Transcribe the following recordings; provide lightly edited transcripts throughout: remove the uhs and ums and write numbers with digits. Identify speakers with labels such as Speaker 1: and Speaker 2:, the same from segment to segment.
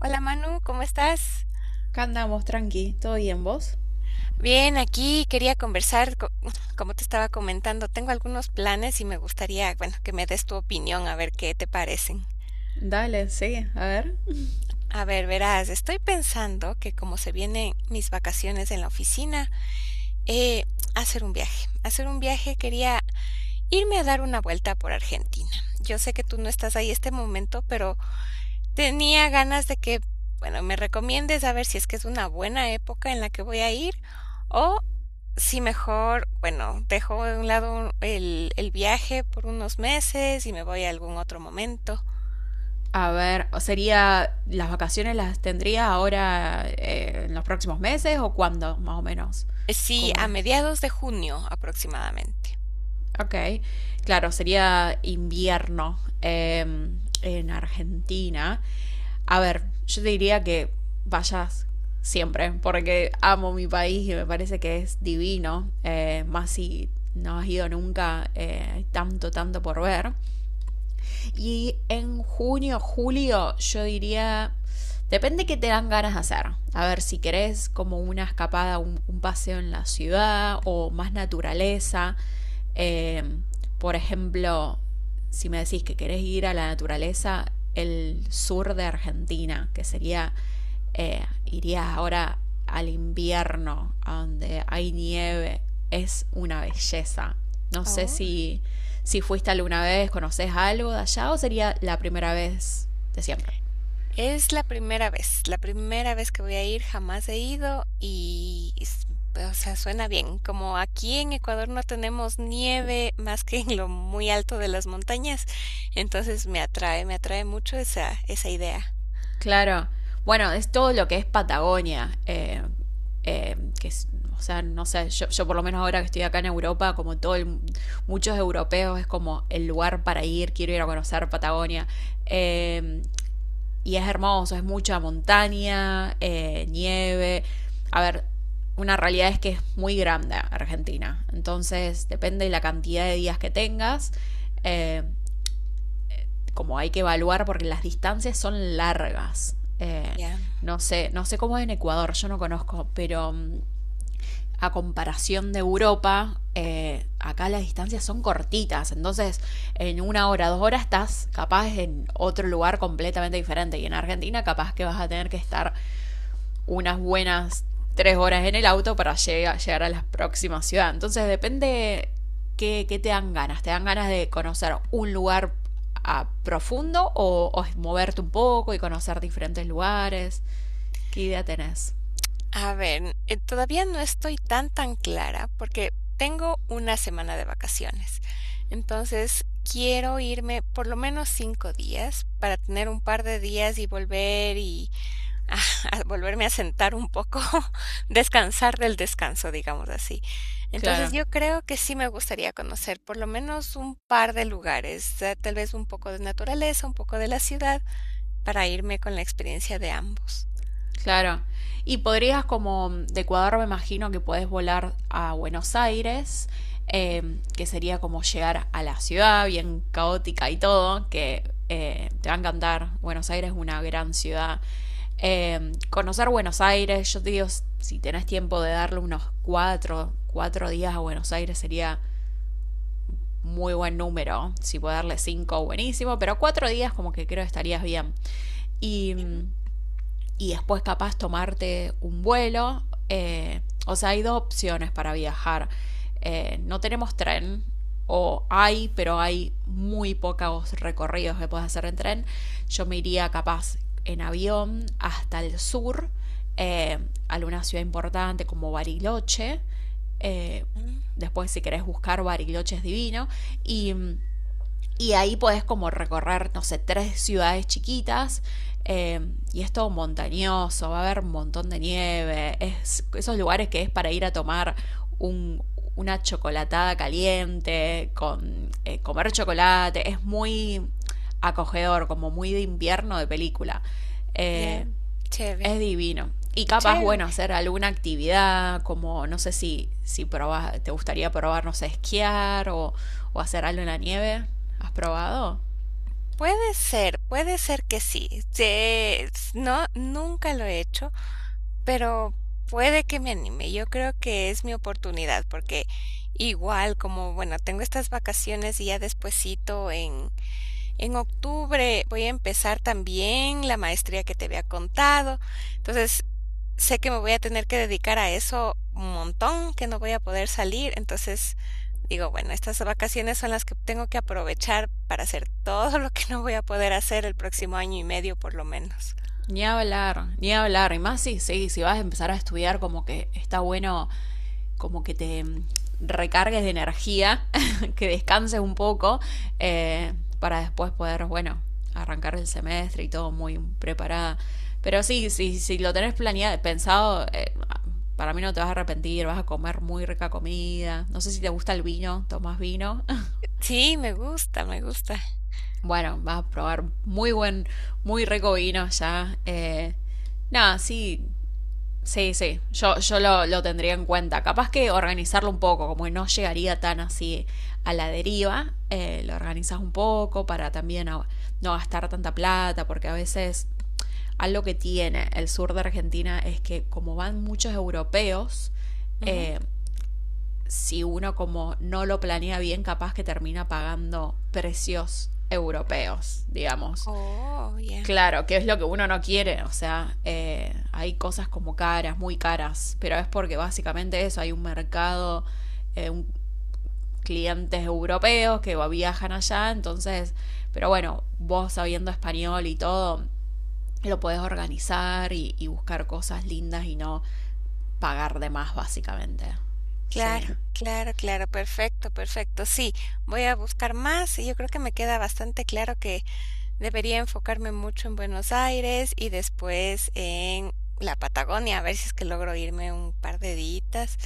Speaker 1: Hola, Manu, ¿cómo estás?
Speaker 2: Acá andamos, tranqui. ¿Todo bien vos?
Speaker 1: Bien, aquí quería conversar, co- como te estaba comentando, tengo algunos planes y me gustaría, bueno, que me des tu opinión a ver qué te parecen.
Speaker 2: Dale, sí, a ver.
Speaker 1: A ver, verás, estoy pensando que como se vienen mis vacaciones en la oficina, eh, hacer un viaje. Hacer un viaje, quería irme a dar una vuelta por Argentina. Yo sé que tú no estás ahí este momento, pero tenía ganas de que, bueno, me recomiendes a ver si es que es una buena época en la que voy a ir. Sí, mejor, bueno, dejo de un lado el viaje por unos meses y me voy a algún otro momento.
Speaker 2: A ver, sería, ¿las vacaciones las tendría ahora en los próximos meses o cuándo, más o menos?
Speaker 1: Sí,
Speaker 2: ¿Cómo
Speaker 1: a
Speaker 2: era?
Speaker 1: mediados de junio aproximadamente.
Speaker 2: Ok, claro, sería invierno en Argentina. A ver, yo te diría que vayas siempre, porque amo mi país y me parece que es divino, más si no has ido nunca, hay tanto, tanto por ver. Y en junio, julio, yo diría, depende qué te dan ganas de hacer. A ver, si querés como una escapada, un paseo en la ciudad o más naturaleza. Eh, por ejemplo, si me decís que querés ir a la naturaleza, el sur de Argentina, que sería irías ahora al invierno, donde hay nieve, es una belleza. No sé
Speaker 1: Oh,
Speaker 2: si fuiste alguna vez, conoces algo de allá o sería la primera vez de siempre.
Speaker 1: es la primera vez que voy a ir, jamás he ido y, o sea, suena bien. Como aquí en Ecuador no tenemos nieve más que en lo muy alto de las montañas, entonces me atrae mucho esa, esa idea.
Speaker 2: Claro, bueno, es todo lo que es Patagonia, eh, que es- o sea, no sé, yo por lo menos ahora que estoy acá en Europa, como muchos europeos, es como el lugar para ir, quiero ir a conocer Patagonia. Eh, Y es hermoso, es mucha montaña, nieve. A ver, una realidad es que es muy grande Argentina. Entonces, depende de la cantidad de días que tengas, eh, como hay que evaluar, porque las distancias son largas.
Speaker 1: Ya.
Speaker 2: No sé cómo es en Ecuador, yo no conozco, pero a comparación de Europa, acá las distancias son cortitas, entonces en una hora, 2 horas estás capaz en otro lugar completamente diferente y en Argentina capaz que vas a tener que estar unas buenas 3 horas en el auto para llegar a la próxima ciudad. Entonces depende qué te dan ganas de conocer un lugar a profundo o moverte un poco y conocer diferentes lugares. ¿Qué idea tenés?
Speaker 1: A ver, todavía no estoy tan, tan clara porque tengo una semana de vacaciones. Entonces, quiero irme por lo menos 5 días para tener un par de días y volver y a- a volverme a sentar un poco, descansar del descanso, digamos así. Entonces,
Speaker 2: Claro.
Speaker 1: yo creo que sí me gustaría conocer por lo menos un par de lugares, tal vez un poco de naturaleza, un poco de la ciudad, para irme con la experiencia de ambos.
Speaker 2: Claro. Y podrías como de Ecuador me imagino que podés volar a Buenos Aires, que sería como llegar a la ciudad bien caótica y todo, que te va a encantar. Buenos Aires es una gran ciudad. Conocer Buenos Aires, yo te digo, si tenés tiempo de darle unos cuatro días a Buenos Aires sería muy buen número. Si puedo darle cinco, buenísimo, pero 4 días como que creo que estarías bien. Y
Speaker 1: Ujú,
Speaker 2: mm, y después capaz tomarte un vuelo. Eh, o sea, hay dos opciones para viajar. No tenemos tren, o hay, pero hay muy pocos recorridos que puedes hacer en tren. Yo me iría capaz en avión hasta el sur, eh, a alguna ciudad importante como Bariloche. Eh,
Speaker 1: ujú,
Speaker 2: Después, si querés buscar, Bariloche es divino. Y mm, y ahí podés como recorrer, no sé, tres ciudades chiquitas. eh, y es todo montañoso, va a haber un montón de nieve. Es esos lugares que es para ir a tomar un- una chocolatada caliente, con comer chocolate. Es muy acogedor, como muy de invierno de película.
Speaker 1: ya,
Speaker 2: Eh,
Speaker 1: chévere,
Speaker 2: es divino. Y capaz,
Speaker 1: chévere.
Speaker 2: bueno, hacer alguna actividad, como no sé si probas, te gustaría probar, no sé, esquiar o hacer algo en la nieve. ¿Has probado?
Speaker 1: Puede ser que sí. No, nunca lo he hecho, pero puede que me anime. Yo creo que es mi oportunidad, porque igual como, bueno, tengo estas vacaciones y ya despuesito en octubre voy a empezar también la maestría que te había contado. Entonces, sé que me voy a tener que dedicar a eso un montón, que no voy a poder salir. Entonces, digo, bueno, estas vacaciones son las que tengo que aprovechar para hacer todo lo que no voy a poder hacer el próximo año y medio, por lo menos.
Speaker 2: Ni hablar, ni hablar. Y más si, si vas a empezar a estudiar, como que está bueno como que te recargues de energía, que descanses un poco, eh, para después poder, bueno, arrancar el semestre y todo muy preparada. Pero sí, si sí, sí, lo tenés planeado, pensado, para mí no te vas a arrepentir, vas a comer muy rica comida. No sé si te gusta el vino, tomas vino.
Speaker 1: Sí, me gusta, me gusta.
Speaker 2: Bueno, vas a probar muy rico vino ya. Nada, sí, sí, yo lo tendría en cuenta. Capaz que organizarlo un poco, como que no llegaría tan así a la deriva, lo organizas un poco para también no gastar tanta plata, porque a veces algo que tiene el sur de Argentina es que como van muchos europeos,
Speaker 1: Ujú.
Speaker 2: eh, si uno como no lo planea bien, capaz que termina pagando precios europeos, digamos.
Speaker 1: Oh, ya.
Speaker 2: Claro, que es lo que uno no quiere, o sea, hay cosas como caras, muy caras, pero es porque básicamente eso, hay un mercado, eh, un- clientes europeos que viajan allá, entonces, pero bueno, vos sabiendo español y todo, lo podés organizar y buscar cosas lindas y no pagar de más, básicamente. Sí,
Speaker 1: Claro, claro, claro, perfecto, perfecto. Sí, voy a buscar más y yo creo que me queda bastante claro que debería enfocarme mucho en Buenos Aires y después en la Patagonia, a ver si es que logro irme un par de días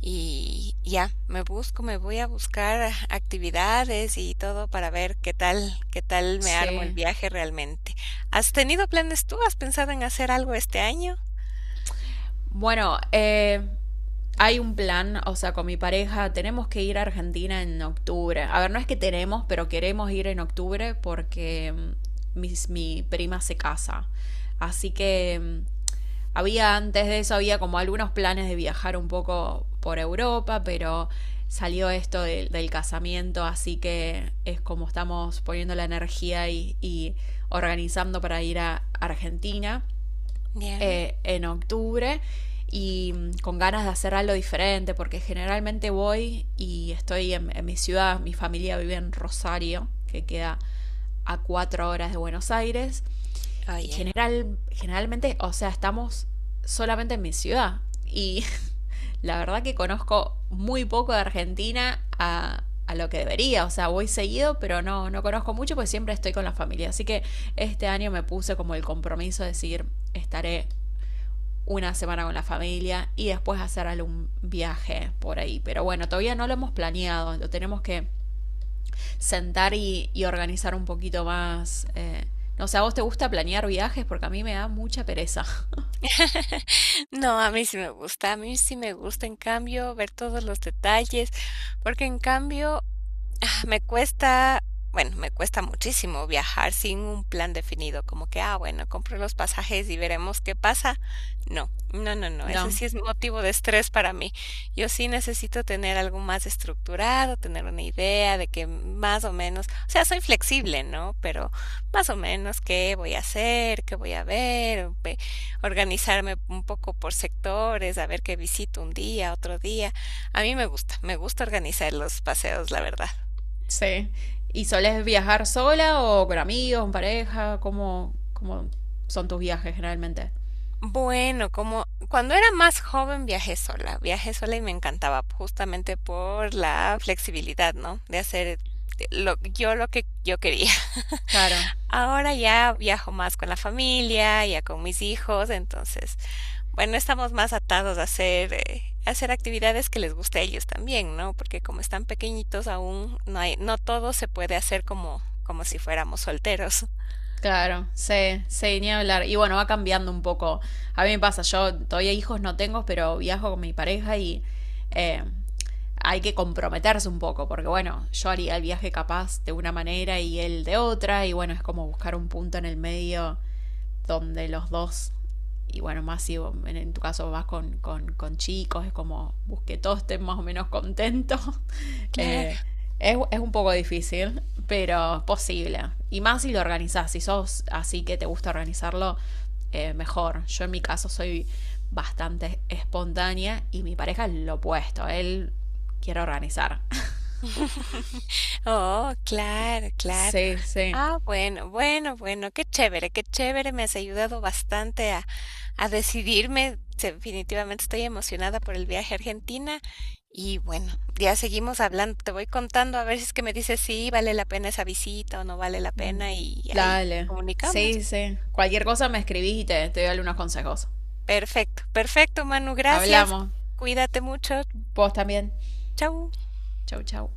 Speaker 1: y ya, me busco, me voy a buscar actividades y todo para ver qué tal me armo el
Speaker 2: sí.
Speaker 1: viaje realmente. ¿Has tenido planes tú? ¿Has pensado en hacer algo este año?
Speaker 2: Bueno, hay un plan, o sea, con mi pareja tenemos que ir a Argentina en octubre. A ver, no es que tenemos, pero queremos ir en octubre porque mm, mi prima se casa. Así que había antes de eso, había como algunos planes de viajar un poco por Europa, pero salió esto del casamiento, así que es como estamos poniendo la energía y organizando para ir a Argentina
Speaker 1: Ya.
Speaker 2: en octubre y con ganas de hacer algo diferente, porque generalmente voy y estoy en mi ciudad, mi familia vive en Rosario, que queda a 4 horas de Buenos Aires, y
Speaker 1: Oye,
Speaker 2: generalmente, o sea, estamos solamente en mi ciudad, y la verdad que conozco muy poco de Argentina a lo que debería, o sea, voy seguido, pero no, no conozco mucho, pues siempre estoy con la familia, así que este año me puse como el compromiso de decir, estaré una semana con la familia y después hacer algún viaje por ahí. Pero bueno, todavía no lo hemos planeado, lo tenemos que sentar y organizar un poquito más. No sé, ¿a vos te gusta planear viajes? Porque a mí me da mucha pereza.
Speaker 1: no, a mí sí me gusta, a mí sí me gusta, en cambio, ver todos los detalles, porque en cambio, ah, me cuesta, bueno, me cuesta muchísimo viajar sin un plan definido, como que, ah, bueno, compro los pasajes y veremos qué pasa. No, no, no, no, ese
Speaker 2: No,
Speaker 1: sí es motivo de estrés para mí. Yo sí necesito tener algo más estructurado, tener una idea de que más o menos, o sea, soy flexible, ¿no? Pero más o menos qué voy a hacer, qué voy a ver, organizarme un poco por sectores, a ver qué visito un día, otro día. A mí me gusta organizar los paseos, la verdad.
Speaker 2: sí. ¿Y solés viajar sola o con amigos, en pareja? ¿Cómo son tus viajes generalmente?
Speaker 1: Bueno, como cuando era más joven viajé sola y me encantaba justamente por la flexibilidad, ¿no? De hacer yo lo que yo quería.
Speaker 2: Claro.
Speaker 1: Ahora ya viajo más con la familia, ya con mis hijos, entonces, bueno, estamos más atados a hacer actividades que les guste a ellos también, ¿no? Porque como están pequeñitos aún, no hay, no todo se puede hacer como, como si fuéramos solteros.
Speaker 2: Claro, sí, sí, ni hablar. Y bueno, va cambiando un poco. A mí me pasa, yo todavía hijos no tengo, pero viajo con mi pareja y eh, hay que comprometerse un poco, porque bueno, yo haría el viaje capaz de una manera y él de otra, y bueno, es como buscar un punto en el medio donde los dos, y bueno, más si tu caso vas con chicos, es como busque todos estén más o menos contentos. Eh,
Speaker 1: Claro.
Speaker 2: un poco difícil, pero es posible. Y más si lo organizás, si sos así que te gusta organizarlo, mejor. Yo en mi caso soy bastante espontánea y mi pareja es lo opuesto, él quiere organizar.
Speaker 1: Oh, claro, claro.
Speaker 2: Sí, sí.
Speaker 1: Ah, bueno, bueno, bueno, qué chévere, me has ayudado bastante a decidirme. Definitivamente estoy emocionada por el viaje a Argentina y bueno, ya seguimos hablando, te voy contando a ver si es que me dices si vale la pena esa visita o no vale la pena y ahí
Speaker 2: Dale.
Speaker 1: comunicamos.
Speaker 2: Sí, sí. Cualquier cosa me escribís y te doy algunos consejos.
Speaker 1: Perfecto, perfecto, Manu, gracias.
Speaker 2: Hablamos.
Speaker 1: Cuídate mucho.
Speaker 2: Vos también.
Speaker 1: Chau.
Speaker 2: Chau, chau.